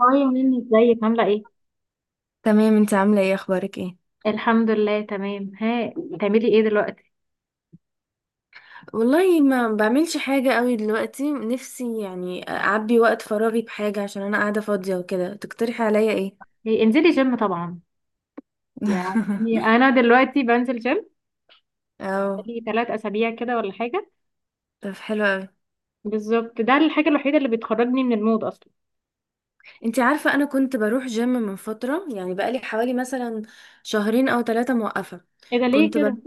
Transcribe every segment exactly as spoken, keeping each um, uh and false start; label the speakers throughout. Speaker 1: هاي مني، ازيك؟ عاملة ايه؟
Speaker 2: تمام، انت عاملة ايه؟ اخبارك ايه؟
Speaker 1: الحمد لله تمام. ها بتعملي ايه دلوقتي؟
Speaker 2: والله ما بعملش حاجة قوي دلوقتي. نفسي يعني أعبي وقت فراغي بحاجة، عشان أنا قاعدة فاضية وكده. تقترحي عليا إيه؟
Speaker 1: إيه، انزلي جيم طبعا. يعني انا دلوقتي بنزل جيم
Speaker 2: اه.
Speaker 1: لي ثلاث اسابيع كده، ولا حاجة.
Speaker 2: طب حلو قوي.
Speaker 1: بالظبط، ده الحاجة الوحيدة اللي بتخرجني من المود اصلا.
Speaker 2: انتي عارفة أنا كنت بروح جيم من فترة، يعني بقالي حوالي مثلا شهرين أو ثلاثة موقفة.
Speaker 1: ايه ده؟ ليه
Speaker 2: كنت ب...
Speaker 1: كده؟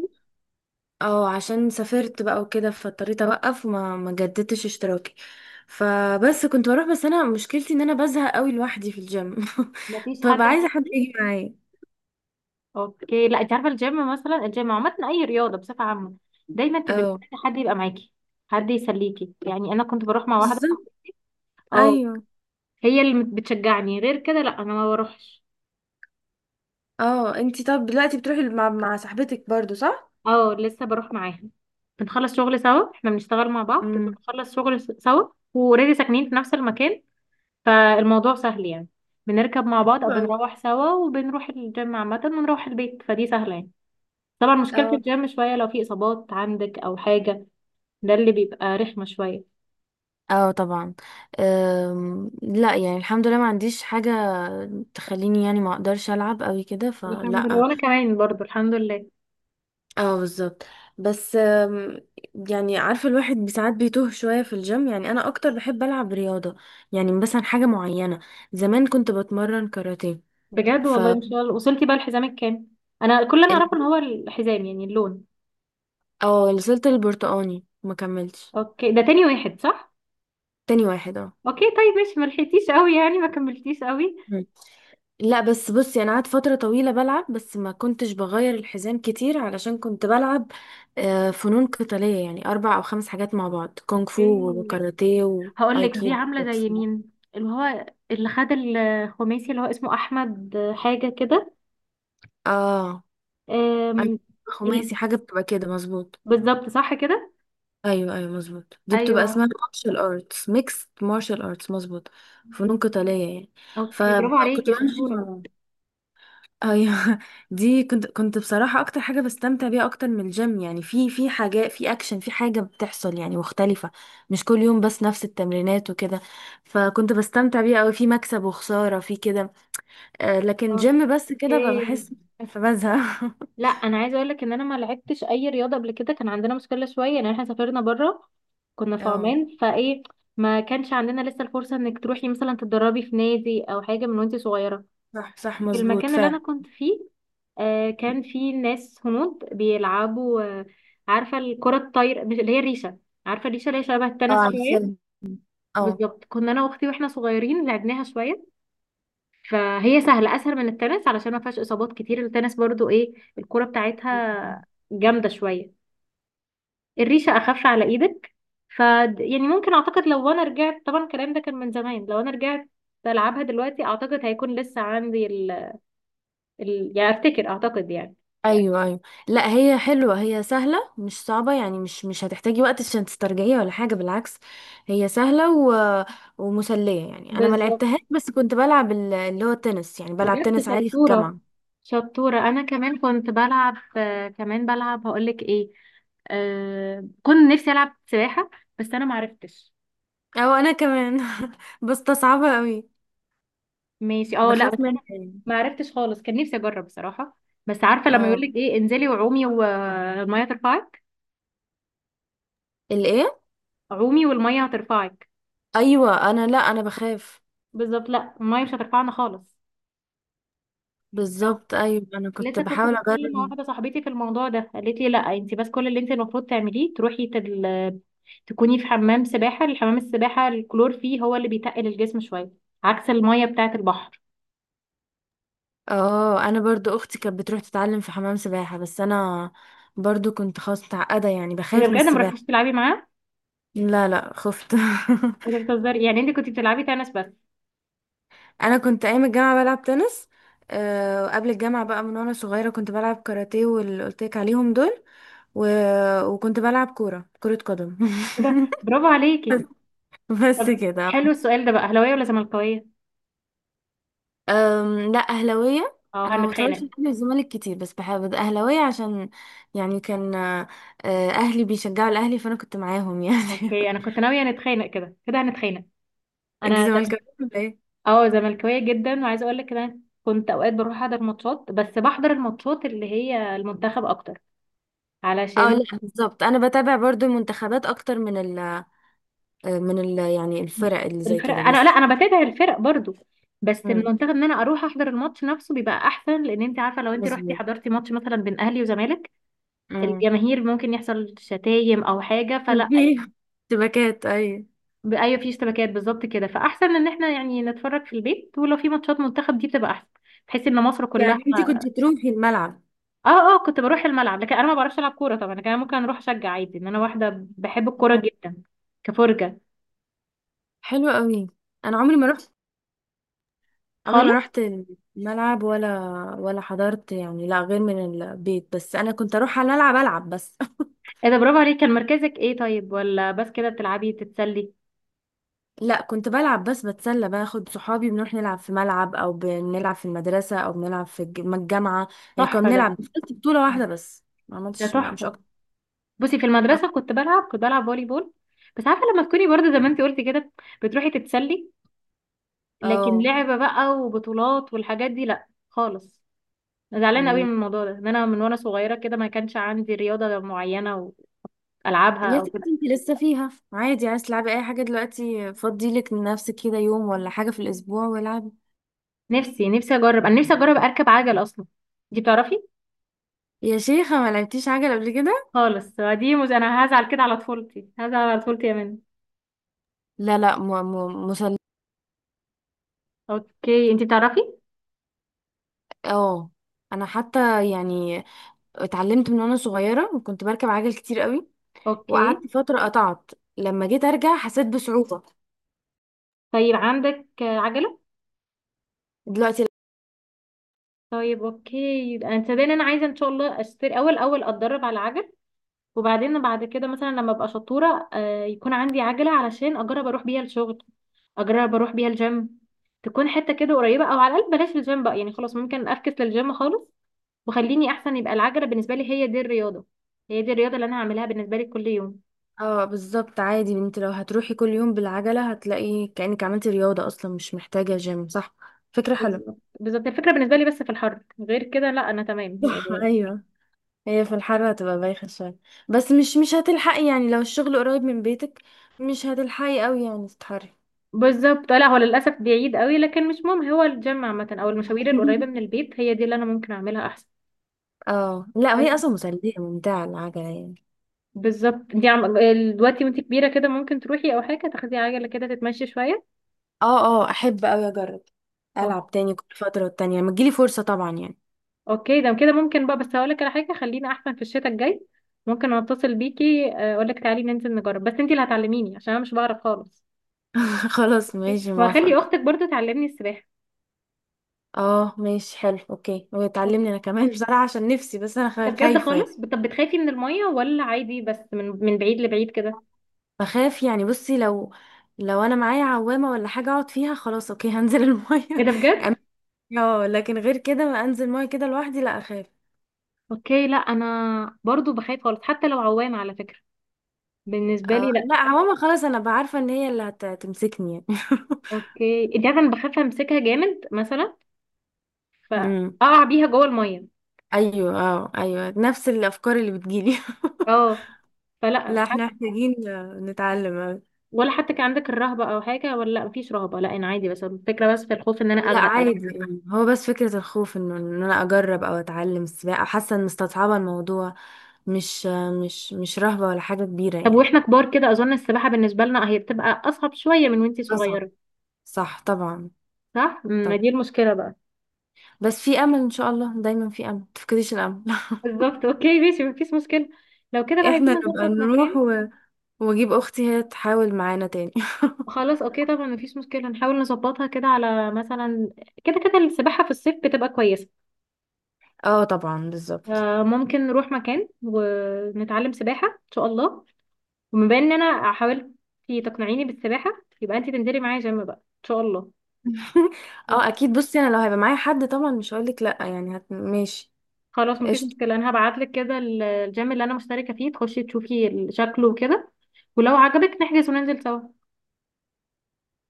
Speaker 2: اه، عشان سافرت بقى وكده فاضطريت أوقف، وما ما جددتش اشتراكي. فبس كنت بروح. بس أنا مشكلتي إن أنا بزهق قوي لوحدي في الجيم.
Speaker 1: مفيش حد
Speaker 2: فبقى
Speaker 1: انا
Speaker 2: عايزة حد
Speaker 1: عارفه.
Speaker 2: يجي معايا.
Speaker 1: اوكي، لا انت عارفة الجيم، مثلا الجيم عامة، اي رياضة بصفة عامة دايما تبقى
Speaker 2: اه،
Speaker 1: محتاجة حد يبقى معاكي، حد يسليكي. يعني انا كنت بروح مع واحدة،
Speaker 2: بالظبط.
Speaker 1: اه،
Speaker 2: ايوه.
Speaker 1: هي اللي بتشجعني، غير كده لا، انا ما بروحش.
Speaker 2: اه، انتي طب دلوقتي بتروحي مع, مع صاحبتك برضو صح؟
Speaker 1: اه، لسه بروح معاها. بنخلص شغل سوا، احنا بنشتغل مع بعض،
Speaker 2: امم.
Speaker 1: بنخلص شغل س- سوا. واوريدي ساكنين في نفس المكان، فالموضوع سهل يعني. بنركب مع بعض او
Speaker 2: حلو أوي.
Speaker 1: بنروح سوا، وبنروح الجيم عامة ونروح البيت، فدي سهلة يعني. طبعا مشكلة
Speaker 2: اه.
Speaker 1: الجيم شوية لو في اصابات عندك او حاجة، ده اللي بيبقى رخمة شوية.
Speaker 2: اه، طبعا. أم لا يعني، الحمد لله ما عنديش حاجة تخليني يعني ما اقدرش العب قوي كده،
Speaker 1: الحمد لله،
Speaker 2: فلا.
Speaker 1: وانا كمان برضو الحمد لله.
Speaker 2: اه، بالظبط. بس آم، يعني عارفه الواحد بساعات بيتوه شويه في الجيم. يعني انا اكتر بحب العب رياضه، يعني مثلا حاجه معينه. زمان كنت بتمرن كاراتيه.
Speaker 1: بجد
Speaker 2: ف
Speaker 1: والله؟ ان شاء الله. وصلتي بقى لحزامك كام؟ انا كل اللي انا
Speaker 2: ال-
Speaker 1: اعرفه ان هو الحزام يعني اللون.
Speaker 2: اه، وصلت البرتقاني ما كملتش.
Speaker 1: اوكي، ده تاني واحد صح.
Speaker 2: تاني واحد، اه.
Speaker 1: اوكي طيب ماشي، ملحقتيش قوي يعني، ما كملتيش قوي.
Speaker 2: مم. لا بس بصي، انا قعدت فتره طويله بلعب، بس ما كنتش بغير الحزام كتير علشان كنت بلعب آه، فنون قتاليه، يعني اربع او خمس حاجات مع بعض. كونغ
Speaker 1: اوكي.
Speaker 2: فو وكاراتيه
Speaker 1: هقول لك، دي
Speaker 2: وايكيدو
Speaker 1: عامله زي
Speaker 2: بوكسينج.
Speaker 1: مين؟ اللي هو اللي خد الخماسي، اللي هو اسمه احمد حاجه كده.
Speaker 2: اه. أي-
Speaker 1: أم، ال-
Speaker 2: خماسي، حاجه بتبقى كده مظبوط.
Speaker 1: بالظبط، صح كده.
Speaker 2: ايوه، ايوه، مظبوط. دي بتبقى
Speaker 1: ايوه.
Speaker 2: اسمها مارشال ارتس، ميكس مارشال ارتس، مظبوط. فنون قتاليه يعني.
Speaker 1: اوكي، برافو
Speaker 2: فكنت
Speaker 1: عليكي،
Speaker 2: بعمل
Speaker 1: شطوره.
Speaker 2: حاجه. ايوه. دي كنت كنت بصراحة اكتر حاجة بستمتع بيها اكتر من الجيم. يعني في في حاجات، في اكشن، في حاجة بتحصل يعني مختلفة، مش كل يوم بس نفس التمرينات وكده. فكنت بستمتع بيها قوي، في مكسب وخسارة، في كده. آه،
Speaker 1: آه،
Speaker 2: لكن جيم بس كده ببقى
Speaker 1: اوكي.
Speaker 2: بحس. فبزهق.
Speaker 1: لا، انا عايزه اقول لك ان انا ما لعبتش اي رياضه قبل كده. كان عندنا مشكله شويه، ان احنا سافرنا بره، كنا في
Speaker 2: اه،
Speaker 1: عمان فايه. ما كانش عندنا لسه الفرصه انك تروحي مثلا تتدربي في نادي او حاجه من وانت صغيره.
Speaker 2: صح، صح،
Speaker 1: في
Speaker 2: مظبوط
Speaker 1: المكان اللي انا
Speaker 2: فعلا.
Speaker 1: كنت فيه، آه كان في ناس هنود بيلعبوا، آه عارفه الكره الطايره؟ مش اللي هي الريشه. عارفه الريشه اللي هي شبه
Speaker 2: اه،
Speaker 1: التنس
Speaker 2: عارفة.
Speaker 1: شويه.
Speaker 2: اه.
Speaker 1: بالظبط، كنا انا واختي، واحنا صغيرين لعبناها شويه. فهي سهله، اسهل من التنس علشان ما فيهاش اصابات كتير. التنس برضو ايه، الكره بتاعتها جامده شويه، الريشه اخف على ايدك. ف يعني ممكن، اعتقد، لو انا رجعت، طبعا الكلام ده كان من زمان، لو انا رجعت بلعبها دلوقتي، اعتقد هيكون لسه عندي ال... ال... يعني، افتكر، اعتقد يعني.
Speaker 2: ايوه، ايوه. لا هي حلوه، هي سهله مش صعبه، يعني مش مش هتحتاجي وقت عشان تسترجعيها ولا حاجه، بالعكس. هي سهله و... ومسليه. يعني انا ما
Speaker 1: بالظبط.
Speaker 2: لعبتهاش، بس كنت بلعب ال- اللي هو التنس، يعني بلعب
Speaker 1: بجد
Speaker 2: تنس عادي في
Speaker 1: شطورة
Speaker 2: الجامعه.
Speaker 1: شطورة. أنا كمان كنت بلعب، آه، كمان بلعب، هقولك إيه، آه كنت نفسي ألعب سباحة، بس أنا معرفتش.
Speaker 2: او انا كمان. بستصعبها قوي،
Speaker 1: ماشي. اه لا، بس
Speaker 2: بخاف منها
Speaker 1: أنا
Speaker 2: يعني.
Speaker 1: معرفتش خالص، كان نفسي أجرب بصراحة. بس عارفة لما
Speaker 2: اه،
Speaker 1: يقولك إيه، انزلي وعومي والمية ترفعك،
Speaker 2: الايه.
Speaker 1: عومي والمية هترفعك.
Speaker 2: ايوه، انا، لا، انا بخاف.
Speaker 1: بالظبط، لا، المية مش هترفعنا خالص.
Speaker 2: بالظبط ايوه، انا كنت
Speaker 1: لسه كنت
Speaker 2: بحاول
Speaker 1: بتكلم مع
Speaker 2: اجرب.
Speaker 1: واحده صاحبتي في الموضوع ده، قالت لي لا، انت بس كل اللي انت المفروض تعمليه تروحي تل... تكوني في حمام سباحه، الحمام السباحه الكلور فيه هو اللي بيتقل الجسم شويه، عكس الميه بتاعه البحر.
Speaker 2: اه، انا برضو اختي كانت بتروح تتعلم في حمام سباحه، بس انا برضو كنت خلاص متعقدة، يعني
Speaker 1: اذا
Speaker 2: بخاف من
Speaker 1: بجد، ما
Speaker 2: السباحة.
Speaker 1: رحتيش تلعبي معاه؟
Speaker 2: لا، لا، خفت.
Speaker 1: اذا بتهزري يعني. انت كنت بتلعبي تنس بس؟
Speaker 2: انا كنت ايام الجامعه بلعب تنس. آه، وقبل الجامعه بقى، من وانا صغيره كنت بلعب كاراتيه واللي قلت لك عليهم دول و... وكنت بلعب كوره كره قدم.
Speaker 1: إيه ده، برافو عليكي.
Speaker 2: بس
Speaker 1: طب
Speaker 2: كده.
Speaker 1: حلو، السؤال ده بقى، اهلاويه ولا زملكاويه؟
Speaker 2: أم، لا، اهلاويه.
Speaker 1: اه،
Speaker 2: انا ما بتفرجش
Speaker 1: هنتخانق.
Speaker 2: على اهلي والزمالك كتير، بس بحب اهلاويه عشان، يعني كان آه، اهلي بيشجعوا الاهلي، فانا كنت معاهم يعني.
Speaker 1: اوكي، انا كنت ناويه نتخانق، كده كده هنتخانق.
Speaker 2: انت
Speaker 1: انا،
Speaker 2: زملكاويه ولا ايه؟
Speaker 1: اه زملكاويه جدا، وعايزه اقول لك إن انا كنت اوقات بروح احضر ماتشات، بس بحضر الماتشات اللي هي المنتخب اكتر،
Speaker 2: اه
Speaker 1: علشان
Speaker 2: لا، بالظبط، انا بتابع برضو المنتخبات اكتر من ال آه، من ال يعني الفرق اللي زي
Speaker 1: الفرق،
Speaker 2: كده،
Speaker 1: انا لا
Speaker 2: بس.
Speaker 1: انا بتابع الفرق برضو، بس
Speaker 2: مم.
Speaker 1: المنتخب، ان انا اروح احضر الماتش نفسه بيبقى احسن، لان انت عارفه، لو انت رحتي
Speaker 2: مظبوط.
Speaker 1: حضرتي ماتش مثلا بين اهلي وزمالك،
Speaker 2: مم.
Speaker 1: الجماهير ممكن يحصل شتايم او حاجه، فلا يعني.
Speaker 2: شبكات اي.
Speaker 1: ب- ايوه، في اشتباكات بالظبط كده. فاحسن ان احنا يعني نتفرج في البيت، ولو في ماتشات منتخب دي بتبقى احسن، بحيث ان مصر كلها.
Speaker 2: يعني انت كنت تروحي الملعب؟
Speaker 1: اه اه، كنت بروح الملعب، لكن انا ما بعرفش العب كوره طبعا، لكن انا ممكن اروح اشجع عادي، ان انا واحده بحب الكوره
Speaker 2: مم.
Speaker 1: جدا كفرجه،
Speaker 2: حلو قوي. انا عمري ما رحت عمري ما
Speaker 1: خالص.
Speaker 2: رحت الملعب ولا ولا حضرت يعني، لا، غير من البيت. بس انا كنت اروح على الملعب العب بس.
Speaker 1: ايه ده، برافو عليك. كان مركزك ايه طيب؟ ولا بس كده بتلعبي تتسلي؟
Speaker 2: لا، كنت بلعب بس بتسلى، باخد صحابي بنروح نلعب في ملعب، او بنلعب في المدرسة، او بنلعب في الج- الجامعة. يعني كنا
Speaker 1: تحفه ده.
Speaker 2: بنلعب. دخلت بطولة واحدة بس، ما
Speaker 1: ده
Speaker 2: عملتش، ما مش
Speaker 1: تحفه.
Speaker 2: اكتر.
Speaker 1: بصي، في
Speaker 2: اه.
Speaker 1: المدرسه كنت بلعب، كنت بلعب فولي بول، بس عارفه لما تكوني برضه زي ما انت قلتي كده، بتروحي تتسلي، لكن
Speaker 2: أه.
Speaker 1: لعبه بقى وبطولات والحاجات دي لا خالص. انا زعلانه قوي من الموضوع ده، ان انا من وانا صغيره كده ما كانش عندي رياضه معينه والعبها
Speaker 2: يا
Speaker 1: او
Speaker 2: ستي
Speaker 1: كده.
Speaker 2: انت لسه فيها عادي، عايز تلعبي اي حاجه، دلوقتي فضي لك لنفسك كده يوم ولا حاجه في الاسبوع والعبي.
Speaker 1: نفسي نفسي اجرب، انا نفسي اجرب اركب عجل اصلا. دي بتعرفي؟
Speaker 2: يا شيخه ما لعبتيش عجل قبل كده؟
Speaker 1: خالص. دي مز... انا هزعل كده على طفولتي، هزعل على طفولتي يا منى.
Speaker 2: لا، لا، م م مسل
Speaker 1: اوكي، انتي بتعرفي؟
Speaker 2: اه. انا حتى يعني اتعلمت من وانا صغيره، وكنت بركب عجل كتير قوي، وقعدت
Speaker 1: اوكي
Speaker 2: فتره قطعت. لما جيت ارجع حسيت بصعوبه
Speaker 1: طيب عندك آه، عجله؟
Speaker 2: دلوقتي.
Speaker 1: طيب اوكي، يبقى انت باين انا عايزه ان شاء الله اشتري. اول، اول اتدرب على عجل، وبعدين بعد كده مثلا لما ابقى شطوره، آه، يكون عندي عجله، علشان اجرب اروح بيها الشغل، اجرب اروح بيها الجيم، تكون حته كده قريبه، او على الاقل بلاش الجيم بقى يعني، خلاص ممكن افكس للجيم خالص وخليني احسن. يبقى العجله بالنسبه لي هي دي الرياضه، هي دي الرياضه اللي انا هعملها بالنسبه لي كل يوم.
Speaker 2: اه، بالظبط عادي. انت لو هتروحي كل يوم بالعجله هتلاقي كانك عملتي رياضه اصلا، مش محتاجه جيم، صح. فكره حلوه.
Speaker 1: بالظبط بالظبط، الفكره بالنسبه لي، بس في الحر غير كده، لا انا تمام
Speaker 2: صح،
Speaker 1: يعني.
Speaker 2: ايوه. هي في الحر هتبقى بايخة شوية، بس مش مش هتلحقي يعني، لو الشغل قريب من بيتك مش هتلحقي قوي يعني تتحري.
Speaker 1: بالظبط، لا، هو للاسف بعيد قوي، لكن مش مهم، هو الجيم عامه او المشاوير القريبه من البيت هي دي اللي انا ممكن اعملها احسن.
Speaker 2: اه، لا، هي
Speaker 1: حلو.
Speaker 2: اصلا مسلية ممتعة العجلة يعني.
Speaker 1: بالظبط. دي عم... ال- دلوقتي وانت كبيره كده ممكن تروحي او حاجه، تاخدي عجله كده تتمشي شويه.
Speaker 2: اه، اه، احب قوي اجرب.
Speaker 1: أو-
Speaker 2: العب تاني كل فترة والتانية لما تجيلي فرصة، طبعا يعني.
Speaker 1: اوكي، ده كده ممكن بقى. بس هقول لك على حاجه، خلينا احسن في الشتاء الجاي، ممكن اتصل بيكي اقول لك تعالي ننزل نجرب، بس انت اللي هتعلميني عشان انا مش بعرف خالص،
Speaker 2: خلاص ماشي، موافقة.
Speaker 1: وهخلي اختك برضو تعلمني السباحه.
Speaker 2: اه ماشي، حلو، اوكي.
Speaker 1: ده
Speaker 2: وتعلمني انا كمان. بصراحة عشان نفسي، بس انا خا-
Speaker 1: بجد؟
Speaker 2: خايفة يعني.
Speaker 1: خالص. طب بتخافي من الميه، ولا عادي بس من من بعيد لبعيد كده؟
Speaker 2: بخاف يعني. بصي، لو لو انا معايا عوامة ولا حاجة اقعد فيها، خلاص اوكي هنزل المية.
Speaker 1: ايه ده، بجد؟
Speaker 2: اه، لكن غير كده ما انزل ميه كده لوحدي، لا، اخاف.
Speaker 1: اوكي لا، انا برضو بخاف خالص، حتى لو عوامه، على فكره بالنسبه
Speaker 2: اه،
Speaker 1: لي لا.
Speaker 2: لا، عموما خلاص، انا بعارفه ان هي اللي هت- هتمسكني يعني.
Speaker 1: اوكي، انت عارفه انا بخاف امسكها جامد مثلا،
Speaker 2: امم.
Speaker 1: فاقع بيها جوه الميه.
Speaker 2: ايوه، اه، ايوه، نفس الافكار اللي بتجيلي.
Speaker 1: اه. فلا
Speaker 2: لا، احنا
Speaker 1: حتى،
Speaker 2: محتاجين نتعلم أوي.
Speaker 1: ولا حتى كان عندك الرهبه او حاجه، ولا؟ لا، مفيش رهبه، لا انا عادي، بس الفكره، بس في الخوف ان انا
Speaker 2: لا،
Speaker 1: اغرق
Speaker 2: عادي
Speaker 1: أو.
Speaker 2: يعني. هو بس فكره الخوف، انه ان انا اجرب او اتعلم السباحه، حاسه ان مستصعبه الموضوع، مش مش مش رهبه ولا حاجه كبيره
Speaker 1: طب
Speaker 2: يعني.
Speaker 1: واحنا كبار كده، اظن السباحه بالنسبه لنا هي بتبقى اصعب شويه من وانتي
Speaker 2: اصعب،
Speaker 1: صغيره.
Speaker 2: صح طبعا.
Speaker 1: صح. ما
Speaker 2: طب
Speaker 1: دي المشكله بقى.
Speaker 2: بس في امل، ان شاء الله دايما في امل، متفقديش الامل.
Speaker 1: بالظبط اوكي ماشي، مفيش مشكلة. لو كده بقى،
Speaker 2: احنا
Speaker 1: عايزين
Speaker 2: نبقى
Speaker 1: نظبط
Speaker 2: نروح،
Speaker 1: مكان.
Speaker 2: واجيب اختي هي تحاول معانا تاني.
Speaker 1: خلاص اوكي، طبعا مفيش مشكلة، نحاول نظبطها كده، على مثلا، كده كده السباحة في الصيف بتبقى كويسة.
Speaker 2: اه، طبعا، بالظبط.
Speaker 1: آه، ممكن نروح مكان ونتعلم سباحة ان شاء الله. وبما ان انا حاولت تقنعيني بالسباحة، يبقى انت تنزلي معايا جيم بقى ان شاء الله.
Speaker 2: اه،
Speaker 1: أوكي.
Speaker 2: اكيد، بصي انا لو هيبقى معايا حد طبعا مش هقولك لا، يعني هت... ماشي.
Speaker 1: خلاص مفيش
Speaker 2: قشطة.
Speaker 1: مشكلة، انا هبعتلك كده ال- الجيم اللي انا مشتركة فيه، تخشي تشوفي شكله وكده، ولو عجبك نحجز وننزل سوا.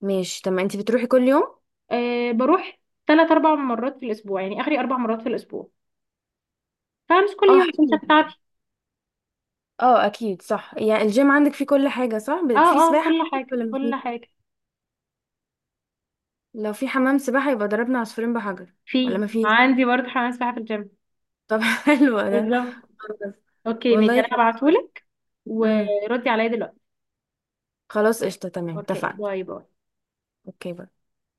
Speaker 2: ماشي، طب ما انتي بتروحي كل يوم؟
Speaker 1: أه، بروح ثلاث اربع مرات في الاسبوع، يعني اخري اربع مرات في الاسبوع، فهمس كل
Speaker 2: اه،
Speaker 1: يوم الشمسة
Speaker 2: حلو.
Speaker 1: بتاعتي.
Speaker 2: اه، اكيد، صح يعني الجيم عندك فيه كل حاجة، صح،
Speaker 1: اه
Speaker 2: ب- في
Speaker 1: اه،
Speaker 2: سباحة
Speaker 1: كل
Speaker 2: عندك
Speaker 1: حاجة،
Speaker 2: ولا
Speaker 1: كل
Speaker 2: مفيش؟
Speaker 1: حاجة.
Speaker 2: لو في حمام سباحة يبقى ضربنا عصفورين بحجر، ولا
Speaker 1: في
Speaker 2: مفيش؟
Speaker 1: عندي برضه حمام سباحة في الجيم.
Speaker 2: طب. حلو ده.
Speaker 1: بالظبط، اوكي ماشي،
Speaker 2: والله
Speaker 1: انا
Speaker 2: حلو.
Speaker 1: هبعتهولك
Speaker 2: امم.
Speaker 1: وردي عليا دلوقتي.
Speaker 2: خلاص قشطة، تمام،
Speaker 1: اوكي،
Speaker 2: اتفقنا.
Speaker 1: باي باي.
Speaker 2: اوكي باي.